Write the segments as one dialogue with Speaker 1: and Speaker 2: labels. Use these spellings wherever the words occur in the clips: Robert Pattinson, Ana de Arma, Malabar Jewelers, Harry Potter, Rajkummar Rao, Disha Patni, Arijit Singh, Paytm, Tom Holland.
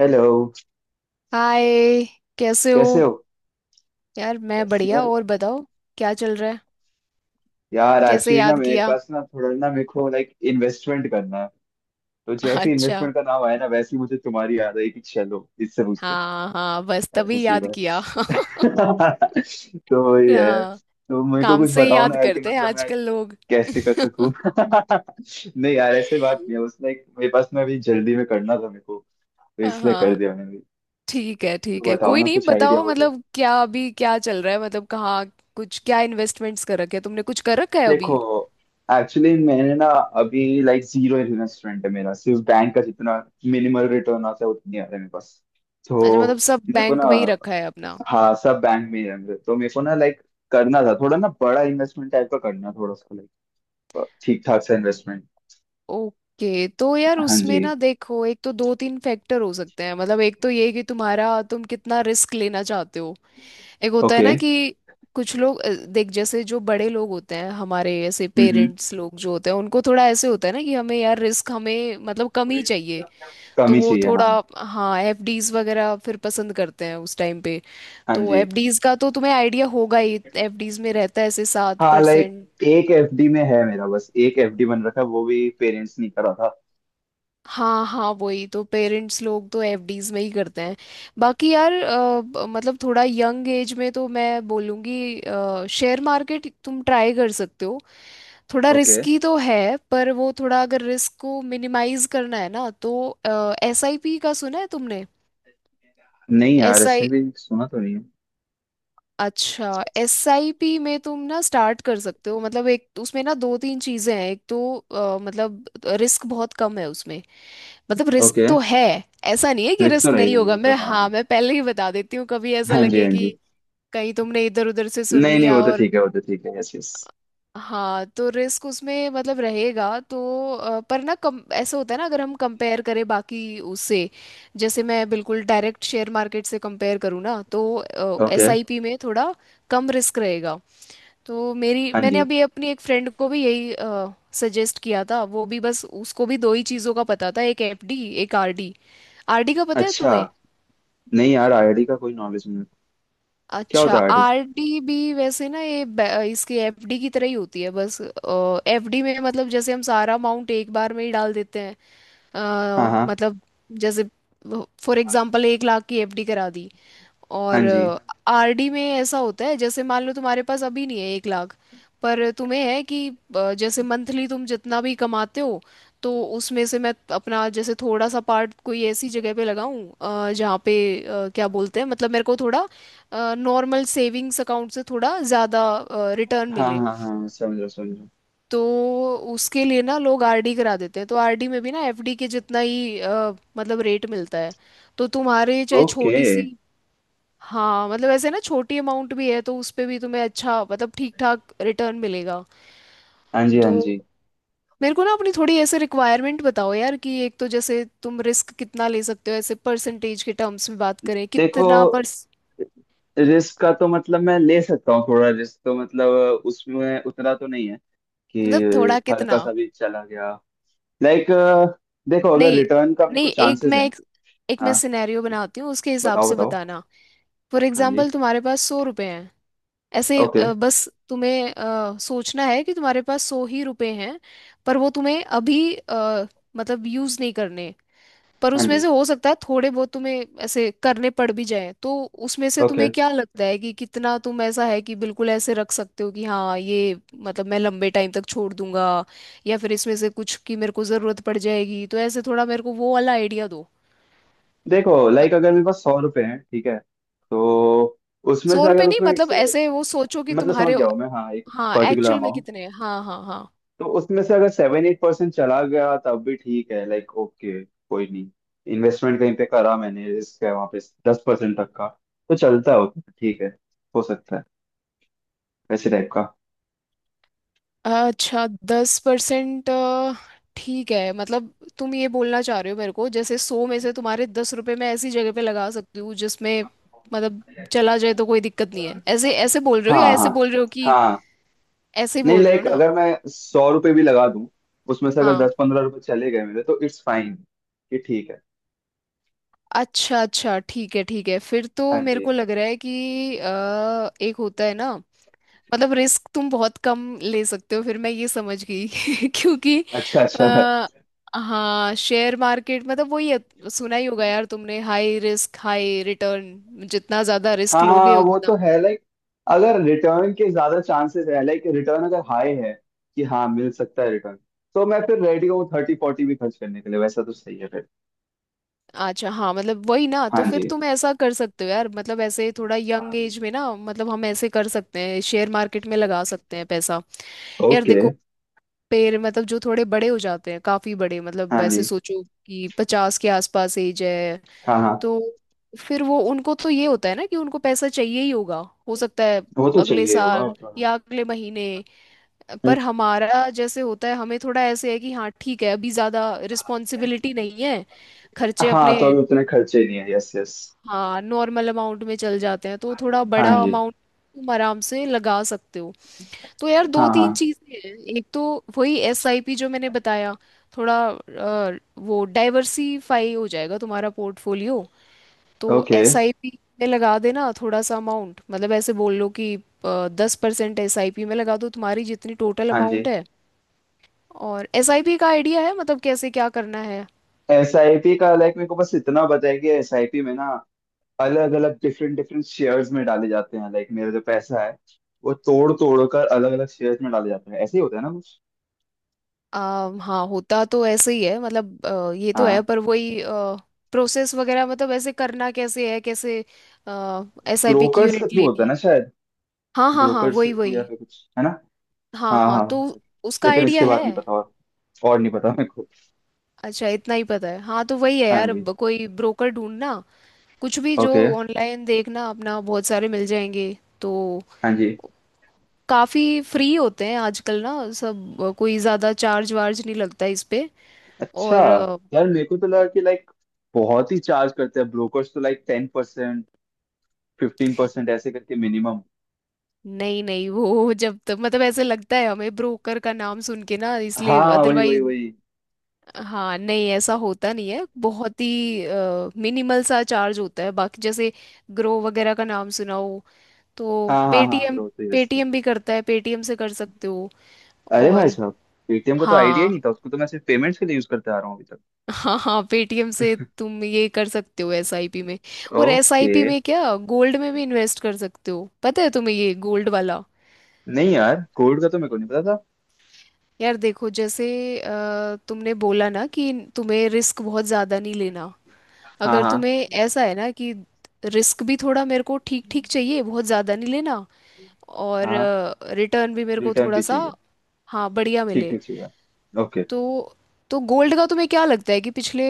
Speaker 1: Hello.
Speaker 2: Hi. कैसे हो?
Speaker 1: कैसे हो?
Speaker 2: यार, मैं
Speaker 1: बस
Speaker 2: बढ़िया,
Speaker 1: यार।
Speaker 2: और बताओ क्या चल रहा है?
Speaker 1: यार
Speaker 2: कैसे
Speaker 1: एक्चुअली ना
Speaker 2: याद
Speaker 1: मेरे
Speaker 2: किया?
Speaker 1: पास ना थोड़ा ना मेरे को लाइक इन्वेस्टमेंट करना है। तो जैसे
Speaker 2: अच्छा,
Speaker 1: इन्वेस्टमेंट का नाम आया ना वैसे ही मुझे तुम्हारी याद आई कि चलो इससे पूछते हैं।
Speaker 2: हाँ हाँ, बस
Speaker 1: ऐसा
Speaker 2: तभी याद
Speaker 1: सीधा
Speaker 2: किया।
Speaker 1: है। तो वही है।
Speaker 2: हाँ,
Speaker 1: तो मेरे को
Speaker 2: काम
Speaker 1: कुछ
Speaker 2: से ही
Speaker 1: बताओ ना
Speaker 2: याद
Speaker 1: यार कि
Speaker 2: करते हैं
Speaker 1: मतलब मैं
Speaker 2: आजकल लोग।
Speaker 1: कैसे कर सकूं। नहीं यार ऐसे बात नहीं है। बस लाइक मेरे पास ना अभी जल्दी में करना था मेरे को। तो इसलिए कर
Speaker 2: हाँ,
Speaker 1: दिया मैंने भी।
Speaker 2: ठीक है
Speaker 1: तो
Speaker 2: ठीक है,
Speaker 1: बताओ
Speaker 2: कोई
Speaker 1: ना
Speaker 2: नहीं,
Speaker 1: कुछ आइडिया
Speaker 2: बताओ
Speaker 1: हो तो।
Speaker 2: मतलब क्या अभी क्या चल रहा है, मतलब कहाँ कुछ क्या इन्वेस्टमेंट्स कर रखे हैं तुमने, कुछ कर रखा है
Speaker 1: देखो,
Speaker 2: अभी?
Speaker 1: एक्चुअली मैंने ना अभी लाइक जीरो इन्वेस्टमेंट है मेरा। सिर्फ बैंक का जितना मिनिमल रिटर्न आता है उतनी आता है मेरे पास।
Speaker 2: अच्छा, मतलब
Speaker 1: तो
Speaker 2: सब
Speaker 1: मेरे को
Speaker 2: बैंक
Speaker 1: ना।
Speaker 2: में ही रखा है अपना।
Speaker 1: हाँ सब बैंक में ही है मेरे। तो मेरे को ना लाइक करना था थोड़ा ना बड़ा इन्वेस्टमेंट टाइप का। करना थोड़ा सा लाइक ठीक ठाक सा इन्वेस्टमेंट।
Speaker 2: ओके, तो यार
Speaker 1: हाँ
Speaker 2: उसमें
Speaker 1: जी।
Speaker 2: ना देखो, एक तो दो तीन फैक्टर हो सकते हैं, मतलब एक तो ये कि तुम्हारा तुम कितना रिस्क लेना चाहते हो। एक होता है
Speaker 1: ओके।
Speaker 2: ना कि कुछ लोग देख, जैसे जो बड़े लोग होते हैं हमारे, ऐसे
Speaker 1: हम्म।
Speaker 2: पेरेंट्स लोग जो होते हैं, उनको थोड़ा ऐसे होता है ना कि हमें यार रिस्क हमें मतलब कम ही चाहिए।
Speaker 1: कम
Speaker 2: तो
Speaker 1: ही
Speaker 2: वो
Speaker 1: चाहिए, हाँ
Speaker 2: थोड़ा
Speaker 1: हाँ।
Speaker 2: हाँ एफडीज वगैरह फिर पसंद करते हैं उस टाइम पे।
Speaker 1: हाँ
Speaker 2: तो
Speaker 1: जी।
Speaker 2: एफडीज का तो तुम्हें आइडिया होगा ही, एफडीज में रहता है ऐसे सात
Speaker 1: हाँ लाइक
Speaker 2: परसेंट,
Speaker 1: एक एफडी में है मेरा। बस एक एफडी बन रखा है। वो भी पेरेंट्स ने करा था।
Speaker 2: हाँ हाँ वही, तो पेरेंट्स लोग तो एफडीज में ही करते हैं। बाकी यार मतलब थोड़ा यंग एज में तो मैं बोलूँगी शेयर मार्केट तुम ट्राई कर सकते हो। थोड़ा
Speaker 1: ओके।
Speaker 2: रिस्की तो है, पर वो थोड़ा अगर रिस्क को मिनिमाइज करना है ना तो, एसआईपी का सुना है तुमने?
Speaker 1: नहीं यार
Speaker 2: एस आई
Speaker 1: ऐसे भी सुना तो नहीं है।
Speaker 2: अच्छा, एस आई पी में तुम ना स्टार्ट कर सकते हो। मतलब एक उसमें ना दो तीन चीज़ें हैं। एक तो मतलब रिस्क बहुत कम है उसमें। मतलब रिस्क
Speaker 1: ओके।
Speaker 2: तो है, ऐसा नहीं है कि
Speaker 1: रिस्क तो
Speaker 2: रिस्क
Speaker 1: रहेगा
Speaker 2: नहीं
Speaker 1: ही
Speaker 2: होगा,
Speaker 1: वो तो,
Speaker 2: मैं
Speaker 1: हाँ
Speaker 2: हाँ
Speaker 1: हाँ।
Speaker 2: मैं पहले ही बता देती हूँ, कभी ऐसा
Speaker 1: हाँ जी,
Speaker 2: लगे
Speaker 1: हाँ
Speaker 2: कि
Speaker 1: जी।
Speaker 2: कहीं तुमने इधर उधर से सुन
Speaker 1: नहीं नहीं
Speaker 2: लिया
Speaker 1: वो तो
Speaker 2: और,
Speaker 1: ठीक है, वो तो ठीक है, यस यस।
Speaker 2: हाँ तो रिस्क उसमें मतलब रहेगा तो पर ना कम ऐसा होता है ना, अगर हम कंपेयर करें बाकी उससे, जैसे मैं बिल्कुल डायरेक्ट शेयर मार्केट से कंपेयर करूँ ना, तो
Speaker 1: ओके।
Speaker 2: एसआईपी में थोड़ा कम रिस्क रहेगा। तो मेरी
Speaker 1: हाँ
Speaker 2: मैंने
Speaker 1: जी।
Speaker 2: अभी अपनी एक फ्रेंड को भी यही सजेस्ट किया था। वो भी बस उसको भी दो ही चीज़ों का पता था, एक एफडी एक आरडी। आरडी का पता है
Speaker 1: अच्छा।
Speaker 2: तुम्हें?
Speaker 1: नहीं यार आईआईटी का कोई नॉलेज नहीं है। क्या
Speaker 2: अच्छा,
Speaker 1: होता है आईआईटी?
Speaker 2: आरडी भी वैसे ना ये इसकी एफडी की तरह ही होती है, बस एफडी में मतलब जैसे हम सारा अमाउंट एक बार में ही डाल देते हैं।
Speaker 1: हाँ हाँ।
Speaker 2: मतलब जैसे फॉर एग्जांपल 1 लाख की एफडी करा दी,
Speaker 1: हाँ
Speaker 2: और
Speaker 1: जी।
Speaker 2: आरडी में ऐसा होता है जैसे मान लो तुम्हारे पास अभी नहीं है 1 लाख, पर तुम्हें है कि जैसे मंथली तुम जितना भी कमाते हो, तो उसमें से मैं अपना जैसे थोड़ा सा पार्ट कोई ऐसी जगह पे लगाऊं जहाँ पे क्या बोलते हैं, मतलब मेरे को थोड़ा नॉर्मल सेविंग्स अकाउंट से थोड़ा ज़्यादा रिटर्न
Speaker 1: हाँ
Speaker 2: मिले।
Speaker 1: हाँ हाँ समझ रहा समझ रहा।
Speaker 2: तो उसके लिए ना लोग आरडी करा देते हैं। तो आरडी में भी ना एफडी के जितना ही मतलब रेट मिलता है। तो तुम्हारे चाहे
Speaker 1: ओके।
Speaker 2: छोटी सी हाँ मतलब ऐसे ना छोटी अमाउंट भी है तो उस पे भी तुम्हें अच्छा मतलब ठीक ठाक रिटर्न मिलेगा।
Speaker 1: हाँ जी हाँ
Speaker 2: तो
Speaker 1: जी।
Speaker 2: मेरे को ना अपनी थोड़ी ऐसे रिक्वायरमेंट बताओ यार, कि एक तो जैसे तुम रिस्क कितना ले सकते हो, ऐसे परसेंटेज के टर्म्स में बात करें
Speaker 1: देखो,
Speaker 2: कितना पर
Speaker 1: रिस्क का तो मतलब मैं ले सकता हूँ। थोड़ा रिस्क तो मतलब उसमें उतना तो नहीं है
Speaker 2: मतलब थोड़ा
Speaker 1: कि हल्का
Speaker 2: कितना?
Speaker 1: सा भी चला गया लाइक। देखो अगर
Speaker 2: नहीं
Speaker 1: रिटर्न का मेरे
Speaker 2: नहीं,
Speaker 1: को चांसेस है।
Speaker 2: एक मैं सिनेरियो बनाती हूँ, उसके हिसाब
Speaker 1: बताओ
Speaker 2: से
Speaker 1: बताओ।
Speaker 2: बताना। फॉर
Speaker 1: हाँ जी।
Speaker 2: एग्जाम्पल तुम्हारे पास 100 रुपए हैं, ऐसे
Speaker 1: ओके।
Speaker 2: बस तुम्हें सोचना है कि तुम्हारे पास 100 ही रुपए हैं, पर वो तुम्हें अभी मतलब यूज नहीं करने, पर
Speaker 1: हाँ
Speaker 2: उसमें
Speaker 1: जी।
Speaker 2: से हो सकता है थोड़े बहुत तुम्हें ऐसे करने पड़ भी जाए। तो उसमें से
Speaker 1: ओके।
Speaker 2: तुम्हें क्या लगता है कि कितना तुम ऐसा है कि बिल्कुल ऐसे रख सकते हो कि हाँ ये मतलब मैं लंबे टाइम तक छोड़ दूंगा, या फिर इसमें से कुछ की मेरे को जरूरत पड़ जाएगी, तो ऐसे थोड़ा मेरे को वो वाला आइडिया दो।
Speaker 1: देखो लाइक अगर मेरे पास 100 रुपए हैं ठीक है, तो उसमें
Speaker 2: सौ
Speaker 1: से
Speaker 2: रुपये
Speaker 1: अगर
Speaker 2: नहीं,
Speaker 1: उसमें एक
Speaker 2: मतलब
Speaker 1: से।
Speaker 2: ऐसे वो सोचो कि
Speaker 1: मतलब समझ
Speaker 2: तुम्हारे
Speaker 1: गया हूँ मैं, हाँ, एक
Speaker 2: हाँ
Speaker 1: पर्टिकुलर
Speaker 2: एक्चुअल में
Speaker 1: अमाउंट।
Speaker 2: कितने हैं, हाँ हाँ हाँ।
Speaker 1: तो उसमें से अगर 7-8% चला गया तब भी ठीक है। लाइक ओके कोई नहीं। इन्वेस्टमेंट कहीं पे करा मैंने, रिस्क है वहाँ पे, 10% तक का तो चलता है उतना। ठीक है, हो सकता है वैसे टाइप का।
Speaker 2: अच्छा, 10% ठीक है, मतलब तुम ये बोलना चाह रहे हो मेरे को जैसे 100 में से तुम्हारे 10 रुपए मैं ऐसी जगह पे लगा सकती हूँ जिसमें मतलब चला जाए तो कोई दिक्कत नहीं है, ऐसे ऐसे बोल रहे हो,
Speaker 1: हाँ
Speaker 2: या ऐसे
Speaker 1: हाँ।
Speaker 2: बोल रहे हो कि
Speaker 1: हाँ
Speaker 2: ऐसे ही
Speaker 1: नहीं
Speaker 2: बोल रहे हो
Speaker 1: लाइक
Speaker 2: ना?
Speaker 1: अगर मैं 100 रुपये भी लगा दूं, उसमें से अगर
Speaker 2: हाँ,
Speaker 1: 10-15 रुपए चले गए मेरे, तो इट्स फाइन कि ठीक है।
Speaker 2: अच्छा अच्छा ठीक है ठीक है, फिर तो
Speaker 1: हाँ
Speaker 2: मेरे
Speaker 1: जी।
Speaker 2: को लग रहा है कि एक होता है ना, मतलब रिस्क तुम बहुत कम ले सकते हो, फिर मैं ये समझ गई। क्योंकि
Speaker 1: अच्छा अच्छा।
Speaker 2: अ, हाँ शेयर मार्केट मतलब वही है, सुना ही होगा यार तुमने हाई रिस्क हाई रिटर्न, जितना ज्यादा रिस्क
Speaker 1: हाँ
Speaker 2: लोगे
Speaker 1: हाँ वो
Speaker 2: उतना।
Speaker 1: तो है लाइक। अगर रिटर्न के ज्यादा चांसेस है, लाइक रिटर्न अगर हाई है कि हाँ मिल सकता है रिटर्न, तो मैं फिर रेडी हूँ 30-40 भी खर्च करने के लिए। वैसा तो सही है फिर।
Speaker 2: अच्छा हाँ मतलब वही ना, तो
Speaker 1: हाँ
Speaker 2: फिर
Speaker 1: जी।
Speaker 2: तुम ऐसा कर सकते हो यार, मतलब ऐसे थोड़ा यंग एज में ना, मतलब हम ऐसे कर सकते हैं शेयर मार्केट में लगा सकते हैं पैसा। यार
Speaker 1: ओके।
Speaker 2: देखो, पेड़ मतलब जो थोड़े बड़े हो जाते हैं काफी बड़े, मतलब
Speaker 1: हाँ
Speaker 2: वैसे
Speaker 1: जी।
Speaker 2: सोचो कि 50 के आसपास एज है,
Speaker 1: हाँ हाँ।
Speaker 2: तो फिर वो उनको तो ये होता है ना कि उनको पैसा चाहिए ही होगा, हो सकता है
Speaker 1: वो तो
Speaker 2: अगले
Speaker 1: चाहिए ही होगा
Speaker 2: साल
Speaker 1: वो तो है।
Speaker 2: या अगले महीने।
Speaker 1: हम्म।
Speaker 2: पर हमारा जैसे होता है, हमें थोड़ा ऐसे है कि हाँ ठीक है अभी ज़्यादा रिस्पॉन्सिबिलिटी नहीं है, खर्चे
Speaker 1: हाँ
Speaker 2: अपने
Speaker 1: तो अभी उतने खर्चे नहीं है, यस यस।
Speaker 2: हाँ नॉर्मल अमाउंट में चल जाते हैं, तो थोड़ा
Speaker 1: हाँ
Speaker 2: बड़ा
Speaker 1: जी।
Speaker 2: अमाउंट तुम आराम से लगा सकते हो। तो यार
Speaker 1: हाँ
Speaker 2: दो तीन
Speaker 1: हाँ।
Speaker 2: चीज़ें हैं। एक तो वही एसआईपी जो मैंने बताया, थोड़ा वो डाइवर्सिफाई हो जाएगा तुम्हारा पोर्टफोलियो। तो
Speaker 1: ओके।
Speaker 2: एसआईपी में लगा देना थोड़ा सा अमाउंट, मतलब ऐसे बोल लो कि 10% एसआईपी में लगा दो, तुम्हारी जितनी टोटल
Speaker 1: हाँ
Speaker 2: अमाउंट
Speaker 1: जी।
Speaker 2: है। और एसआईपी का आइडिया है मतलब कैसे क्या करना है?
Speaker 1: एसआईपी का लाइक मेरे को बस इतना पता है कि एसआईपी में ना अलग अलग डिफरेंट डिफरेंट शेयर्स में डाले जाते हैं। लाइक मेरा जो पैसा है वो तोड़ तोड़ कर अलग अलग शेयर्स में डाले जाते हैं। ऐसे ही होता है ना कुछ?
Speaker 2: हाँ होता तो ऐसे ही है, मतलब ये तो
Speaker 1: हाँ।
Speaker 2: है, पर वही प्रोसेस वगैरह मतलब ऐसे करना कैसे है, कैसे एसआईपी की
Speaker 1: ब्रोकर्स के
Speaker 2: यूनिट
Speaker 1: थ्रू होता
Speaker 2: लेनी
Speaker 1: है
Speaker 2: है।
Speaker 1: ना शायद?
Speaker 2: हाँ हाँ हाँ
Speaker 1: ब्रोकर्स के
Speaker 2: वही
Speaker 1: थ्रू या
Speaker 2: वही,
Speaker 1: फिर कुछ है ना।
Speaker 2: हाँ
Speaker 1: हाँ
Speaker 2: हाँ,
Speaker 1: हाँ
Speaker 2: तो
Speaker 1: हाँ।
Speaker 2: उसका
Speaker 1: लेकिन
Speaker 2: आइडिया
Speaker 1: इसके
Speaker 2: है।
Speaker 1: बाद नहीं पता। और नहीं पता मेरे को।
Speaker 2: अच्छा, इतना ही पता है हाँ, तो वही है
Speaker 1: हाँ
Speaker 2: यार,
Speaker 1: जी।
Speaker 2: अब कोई ब्रोकर ढूंढना, कुछ भी जो
Speaker 1: ओके।
Speaker 2: ऑनलाइन देखना अपना, बहुत सारे मिल जाएंगे। तो
Speaker 1: हाँ जी।
Speaker 2: काफ़ी फ्री होते हैं आजकल ना सब, कोई ज़्यादा चार्ज वार्ज नहीं लगता इस पे।
Speaker 1: अच्छा।
Speaker 2: और
Speaker 1: यार मेरे को तो लगा कि लाइक बहुत ही चार्ज करते हैं ब्रोकर्स तो। लाइक 10% 15% ऐसे करके मिनिमम।
Speaker 2: नहीं नहीं, वो जब तक मतलब ऐसे लगता है हमें ब्रोकर का नाम सुन के ना, इसलिए,
Speaker 1: हाँ वही वही
Speaker 2: अदरवाइज
Speaker 1: वही।
Speaker 2: हाँ नहीं ऐसा होता नहीं है, बहुत ही मिनिमल सा चार्ज होता है। बाकी जैसे ग्रो वगैरह का नाम सुना हो, तो
Speaker 1: हाँ हाँ हाँ।
Speaker 2: पेटीएम,
Speaker 1: ग्रोथ तो यस।
Speaker 2: पेटीएम भी करता है, पेटीएम से कर सकते हो।
Speaker 1: अरे भाई
Speaker 2: और
Speaker 1: साहब। पेटीएम को तो आइडिया ही
Speaker 2: हाँ
Speaker 1: नहीं था। उसको तो मैं सिर्फ पेमेंट्स के लिए यूज करते आ रहा हूँ अभी तक।
Speaker 2: हाँ हाँ पेटीएम से तुम ये कर सकते हो एसआईपी में। और
Speaker 1: ओके।
Speaker 2: एसआईपी में क्या गोल्ड में भी इन्वेस्ट कर सकते हो, पता है तुम्हें ये गोल्ड वाला?
Speaker 1: नहीं यार कोड का तो मेरे को नहीं पता था।
Speaker 2: यार देखो जैसे तुमने बोला ना कि तुम्हें रिस्क बहुत ज़्यादा नहीं लेना,
Speaker 1: हाँ
Speaker 2: अगर
Speaker 1: हाँ।
Speaker 2: तुम्हें ऐसा है ना कि रिस्क भी थोड़ा मेरे को ठीक ठीक चाहिए, बहुत ज़्यादा नहीं लेना, और
Speaker 1: हाँ
Speaker 2: रिटर्न भी मेरे को
Speaker 1: रिटर्न
Speaker 2: थोड़ा
Speaker 1: भी
Speaker 2: सा
Speaker 1: चाहिए,
Speaker 2: हाँ बढ़िया
Speaker 1: ठीक
Speaker 2: मिले।
Speaker 1: ठीक चाहिए। ओके।
Speaker 2: तो तो गोल्ड का तुम्हें क्या लगता है कि पिछले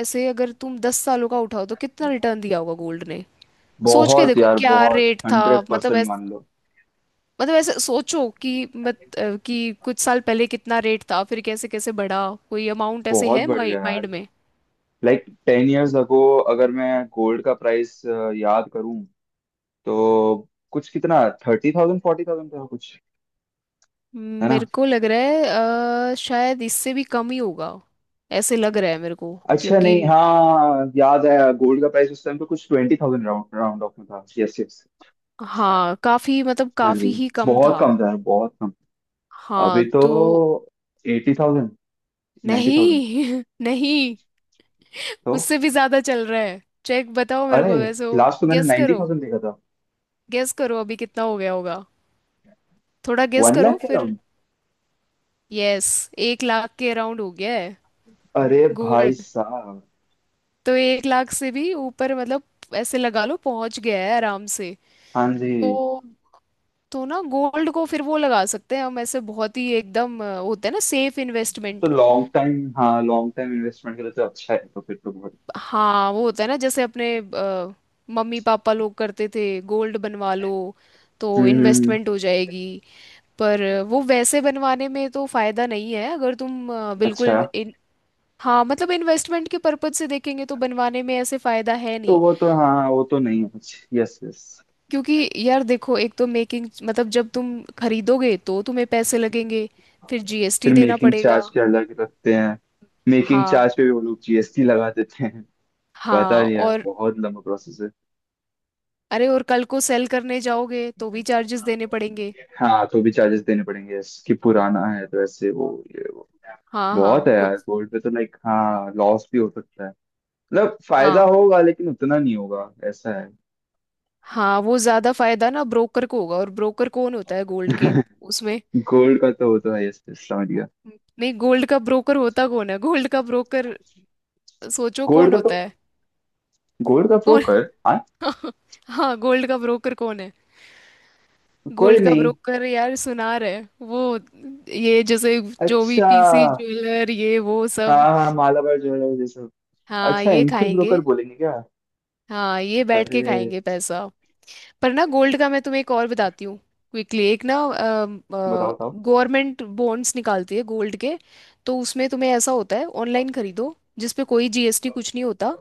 Speaker 2: ऐसे अगर तुम 10 सालों का उठाओ तो कितना रिटर्न दिया होगा गोल्ड? सोच के
Speaker 1: बहुत
Speaker 2: देखो
Speaker 1: यार,
Speaker 2: क्या
Speaker 1: बहुत।
Speaker 2: रेट था,
Speaker 1: हंड्रेड
Speaker 2: मतलब
Speaker 1: परसेंट
Speaker 2: ऐस
Speaker 1: मान लो।
Speaker 2: मतलब ऐसे सोचो कि मत अ, कि कुछ साल पहले कितना रेट था, फिर कैसे कैसे बढ़ा, कोई अमाउंट ऐसे
Speaker 1: बहुत
Speaker 2: है
Speaker 1: बढ़िया
Speaker 2: माइंड
Speaker 1: यार।
Speaker 2: में?
Speaker 1: लाइक 10 इयर्स अगो अगर मैं गोल्ड का प्राइस याद करूं, तो कुछ, कितना, 30,000 40,000 था कुछ। है ना?
Speaker 2: मेरे को लग रहा है शायद इससे भी कम ही होगा, ऐसे लग रहा है मेरे को।
Speaker 1: अच्छा,
Speaker 2: क्योंकि
Speaker 1: नहीं हाँ, याद आया। गोल्ड का प्राइस उस टाइम पे कुछ 20,000 राउंड राउंड ऑफ में था, यस यस।
Speaker 2: हाँ काफी मतलब
Speaker 1: हाँ जी।
Speaker 2: काफी ही कम
Speaker 1: बहुत
Speaker 2: था।
Speaker 1: कम था, बहुत कम।
Speaker 2: हाँ
Speaker 1: अभी तो
Speaker 2: तो
Speaker 1: 80,000 90,000
Speaker 2: नहीं नहीं
Speaker 1: तो।
Speaker 2: उससे भी ज्यादा चल रहा है, चेक बताओ मेरे
Speaker 1: अरे
Speaker 2: को वैसे, और
Speaker 1: लास्ट तो मैंने
Speaker 2: गेस
Speaker 1: नाइन्टी
Speaker 2: करो,
Speaker 1: थाउजेंड देखा था।
Speaker 2: गेस करो अभी कितना हो गया होगा, थोड़ा गेस
Speaker 1: 1 लाख
Speaker 2: करो
Speaker 1: के
Speaker 2: फिर।
Speaker 1: अराउंड।
Speaker 2: यस, 1 लाख के अराउंड हो गया है
Speaker 1: अरे भाई
Speaker 2: गोल्ड,
Speaker 1: साहब।
Speaker 2: तो 1 लाख से भी ऊपर मतलब, ऐसे लगा लो पहुंच गया है आराम से।
Speaker 1: हाँ जी।
Speaker 2: तो तो ना गोल्ड को फिर वो लगा सकते हैं हम, ऐसे बहुत ही एकदम होता है ना सेफ
Speaker 1: तो
Speaker 2: इन्वेस्टमेंट।
Speaker 1: लॉन्ग टाइम, हाँ लॉन्ग टाइम इन्वेस्टमेंट के लिए तो अच्छा है। तो फिर तो बहुत।
Speaker 2: हाँ वो होता है ना जैसे अपने मम्मी पापा लोग करते थे, गोल्ड बनवा लो तो
Speaker 1: हम्म।
Speaker 2: इन्वेस्टमेंट हो जाएगी। पर
Speaker 1: हम्म।
Speaker 2: वो वैसे बनवाने में तो फायदा नहीं है, अगर तुम अ, बिल्कुल
Speaker 1: अच्छा।
Speaker 2: इन, इन, हाँ मतलब इन्वेस्टमेंट के पर्पज से देखेंगे तो बनवाने में ऐसे फायदा है
Speaker 1: तो
Speaker 2: नहीं।
Speaker 1: वो तो हाँ वो तो नहीं है कुछ, यस यस।
Speaker 2: क्योंकि यार देखो, एक तो मेकिंग, मतलब जब तुम खरीदोगे तो तुम्हें पैसे लगेंगे, फिर जीएसटी
Speaker 1: फिर
Speaker 2: देना
Speaker 1: मेकिंग
Speaker 2: पड़ेगा।
Speaker 1: चार्ज के अलग रखते हैं। मेकिंग
Speaker 2: हाँ
Speaker 1: चार्ज पे भी वो लोग जीएसटी लगा देते हैं। पता
Speaker 2: हाँ,
Speaker 1: नहीं यार
Speaker 2: और
Speaker 1: बहुत लंबा प्रोसेस है।
Speaker 2: अरे और कल को सेल करने जाओगे तो भी चार्जेस देने पड़ेंगे,
Speaker 1: हाँ तो भी चार्जेस देने पड़ेंगे, yes, कि पुराना है तो ऐसे वो ये वो।
Speaker 2: हाँ हाँ
Speaker 1: बहुत है यार
Speaker 2: कुछ।
Speaker 1: गोल्ड पे तो लाइक, हाँ लॉस भी हो सकता है। मतलब फायदा
Speaker 2: हाँ
Speaker 1: होगा लेकिन उतना नहीं होगा, ऐसा है।
Speaker 2: हाँ वो ज्यादा फायदा ना ब्रोकर को होगा, और ब्रोकर कौन होता है गोल्ड के उसमें?
Speaker 1: गोल्ड का तो होता है, यस, समझ गया।
Speaker 2: नहीं, गोल्ड का ब्रोकर होता कौन है, गोल्ड का ब्रोकर? सोचो
Speaker 1: गोल्ड
Speaker 2: कौन
Speaker 1: का
Speaker 2: होता
Speaker 1: तो।
Speaker 2: है,
Speaker 1: गोल्ड का
Speaker 2: कौन?
Speaker 1: ब्रोकर? हाँ।
Speaker 2: हाँ गोल्ड का ब्रोकर कौन है?
Speaker 1: कोई
Speaker 2: गोल्ड का
Speaker 1: नहीं।
Speaker 2: ब्रोकर यार सुनार है, वो, ये जैसे जो भी
Speaker 1: अच्छा।
Speaker 2: पीसी ज्वेलर, ये वो
Speaker 1: हाँ
Speaker 2: सब,
Speaker 1: हाँ हाँ, मालाबार ज्वेलर्स ये सब।
Speaker 2: हाँ
Speaker 1: अच्छा
Speaker 2: ये
Speaker 1: इनको ही
Speaker 2: खाएंगे,
Speaker 1: ब्रोकर बोलेंगे क्या?
Speaker 2: हाँ ये बैठ
Speaker 1: अरे।
Speaker 2: के खाएंगे पैसा। पर ना गोल्ड का मैं तुम्हें एक और बताती हूँ क्विकली, एक ना
Speaker 1: बताओ बताओ।
Speaker 2: गवर्नमेंट बॉन्ड्स निकालती है गोल्ड के। तो उसमें तुम्हें ऐसा होता है ऑनलाइन खरीदो, जिस पे कोई जीएसटी कुछ नहीं होता।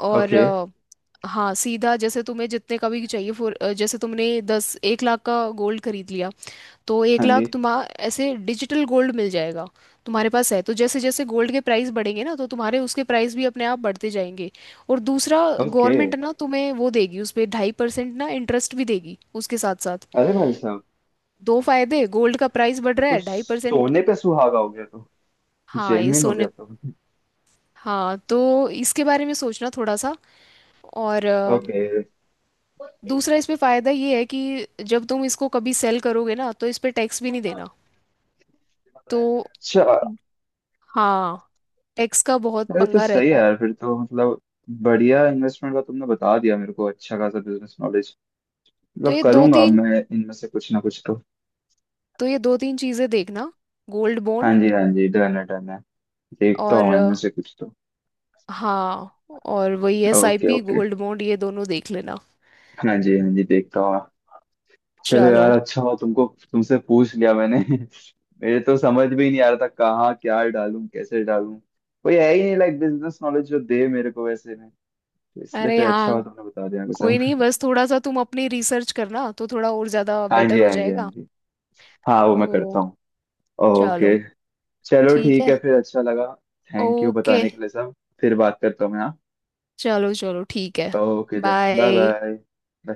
Speaker 2: और
Speaker 1: ओके।
Speaker 2: हाँ सीधा जैसे तुम्हें जितने का भी चाहिए, फॉर जैसे तुमने दस 1 लाख का गोल्ड खरीद लिया, तो एक
Speaker 1: हाँ जी।
Speaker 2: लाख तुम्हारा ऐसे डिजिटल गोल्ड मिल जाएगा तुम्हारे पास है, तो जैसे जैसे गोल्ड के प्राइस बढ़ेंगे ना, तो तुम्हारे उसके प्राइस भी अपने आप बढ़ते जाएंगे। और दूसरा,
Speaker 1: ओके।
Speaker 2: गवर्नमेंट ना तुम्हें वो देगी उस पे 2.5% ना इंटरेस्ट भी देगी उसके साथ साथ।
Speaker 1: अरे भाई साहब।
Speaker 2: दो फायदे, गोल्ड का प्राइस बढ़
Speaker 1: ये
Speaker 2: रहा
Speaker 1: तो
Speaker 2: है, 2.5%।
Speaker 1: सोने पे सुहागा हो गया तो।
Speaker 2: हाँ ये
Speaker 1: जेन्युइन हो
Speaker 2: सोने,
Speaker 1: गया तो।
Speaker 2: हाँ तो इसके बारे में सोचना थोड़ा सा। और
Speaker 1: ओके।
Speaker 2: दूसरा इस पे फायदा ये है कि जब तुम इसको कभी सेल करोगे ना, तो इस पे टैक्स भी नहीं देना। तो
Speaker 1: अच्छा।
Speaker 2: हाँ टैक्स का बहुत
Speaker 1: अरे तो
Speaker 2: पंगा
Speaker 1: सही है
Speaker 2: रहता है।
Speaker 1: यार फिर तो। मतलब बढ़िया इन्वेस्टमेंट का तुमने बता दिया मेरे को, अच्छा खासा बिजनेस नॉलेज।
Speaker 2: तो
Speaker 1: मतलब
Speaker 2: ये दो
Speaker 1: करूंगा अब
Speaker 2: तीन,
Speaker 1: मैं इनमें से कुछ ना कुछ तो।
Speaker 2: तो ये दो तीन चीजें देखना, गोल्ड
Speaker 1: हाँ
Speaker 2: बॉन्ड
Speaker 1: जी हाँ जी डन है डन है। देखता
Speaker 2: और
Speaker 1: हूँ इनमें से कुछ तो।
Speaker 2: हाँ और वही S I
Speaker 1: okay
Speaker 2: P,
Speaker 1: okay.
Speaker 2: Gold bond, ये दोनों देख लेना।
Speaker 1: हाँ जी हाँ जी देखता हूँ। चलो यार
Speaker 2: चलो,
Speaker 1: अच्छा हो तुमको। तुमसे पूछ लिया मैंने। मेरे तो समझ भी नहीं आ रहा था कहाँ क्या डालूं कैसे डालूं। कोई है ही नहीं लाइक बिजनेस नॉलेज जो दे मेरे को वैसे में। तो इसलिए
Speaker 2: अरे
Speaker 1: फिर अच्छा हुआ
Speaker 2: हाँ
Speaker 1: तुमने बता दिया मेरे को
Speaker 2: कोई नहीं,
Speaker 1: सब।
Speaker 2: बस थोड़ा सा तुम अपनी रिसर्च करना तो थोड़ा और ज्यादा
Speaker 1: हाँ
Speaker 2: बेटर
Speaker 1: जी
Speaker 2: हो
Speaker 1: हाँ जी हाँ
Speaker 2: जाएगा।
Speaker 1: जी। हाँ वो मैं करता
Speaker 2: तो
Speaker 1: हूँ।
Speaker 2: चलो
Speaker 1: ओके। चलो
Speaker 2: ठीक
Speaker 1: ठीक
Speaker 2: है।
Speaker 1: है फिर, अच्छा लगा। थैंक यू
Speaker 2: ओके,
Speaker 1: बताने के लिए सब। फिर बात करता हूँ मैं, हाँ।
Speaker 2: चलो चलो ठीक है।
Speaker 1: Okay then. Bye
Speaker 2: bye.
Speaker 1: bye.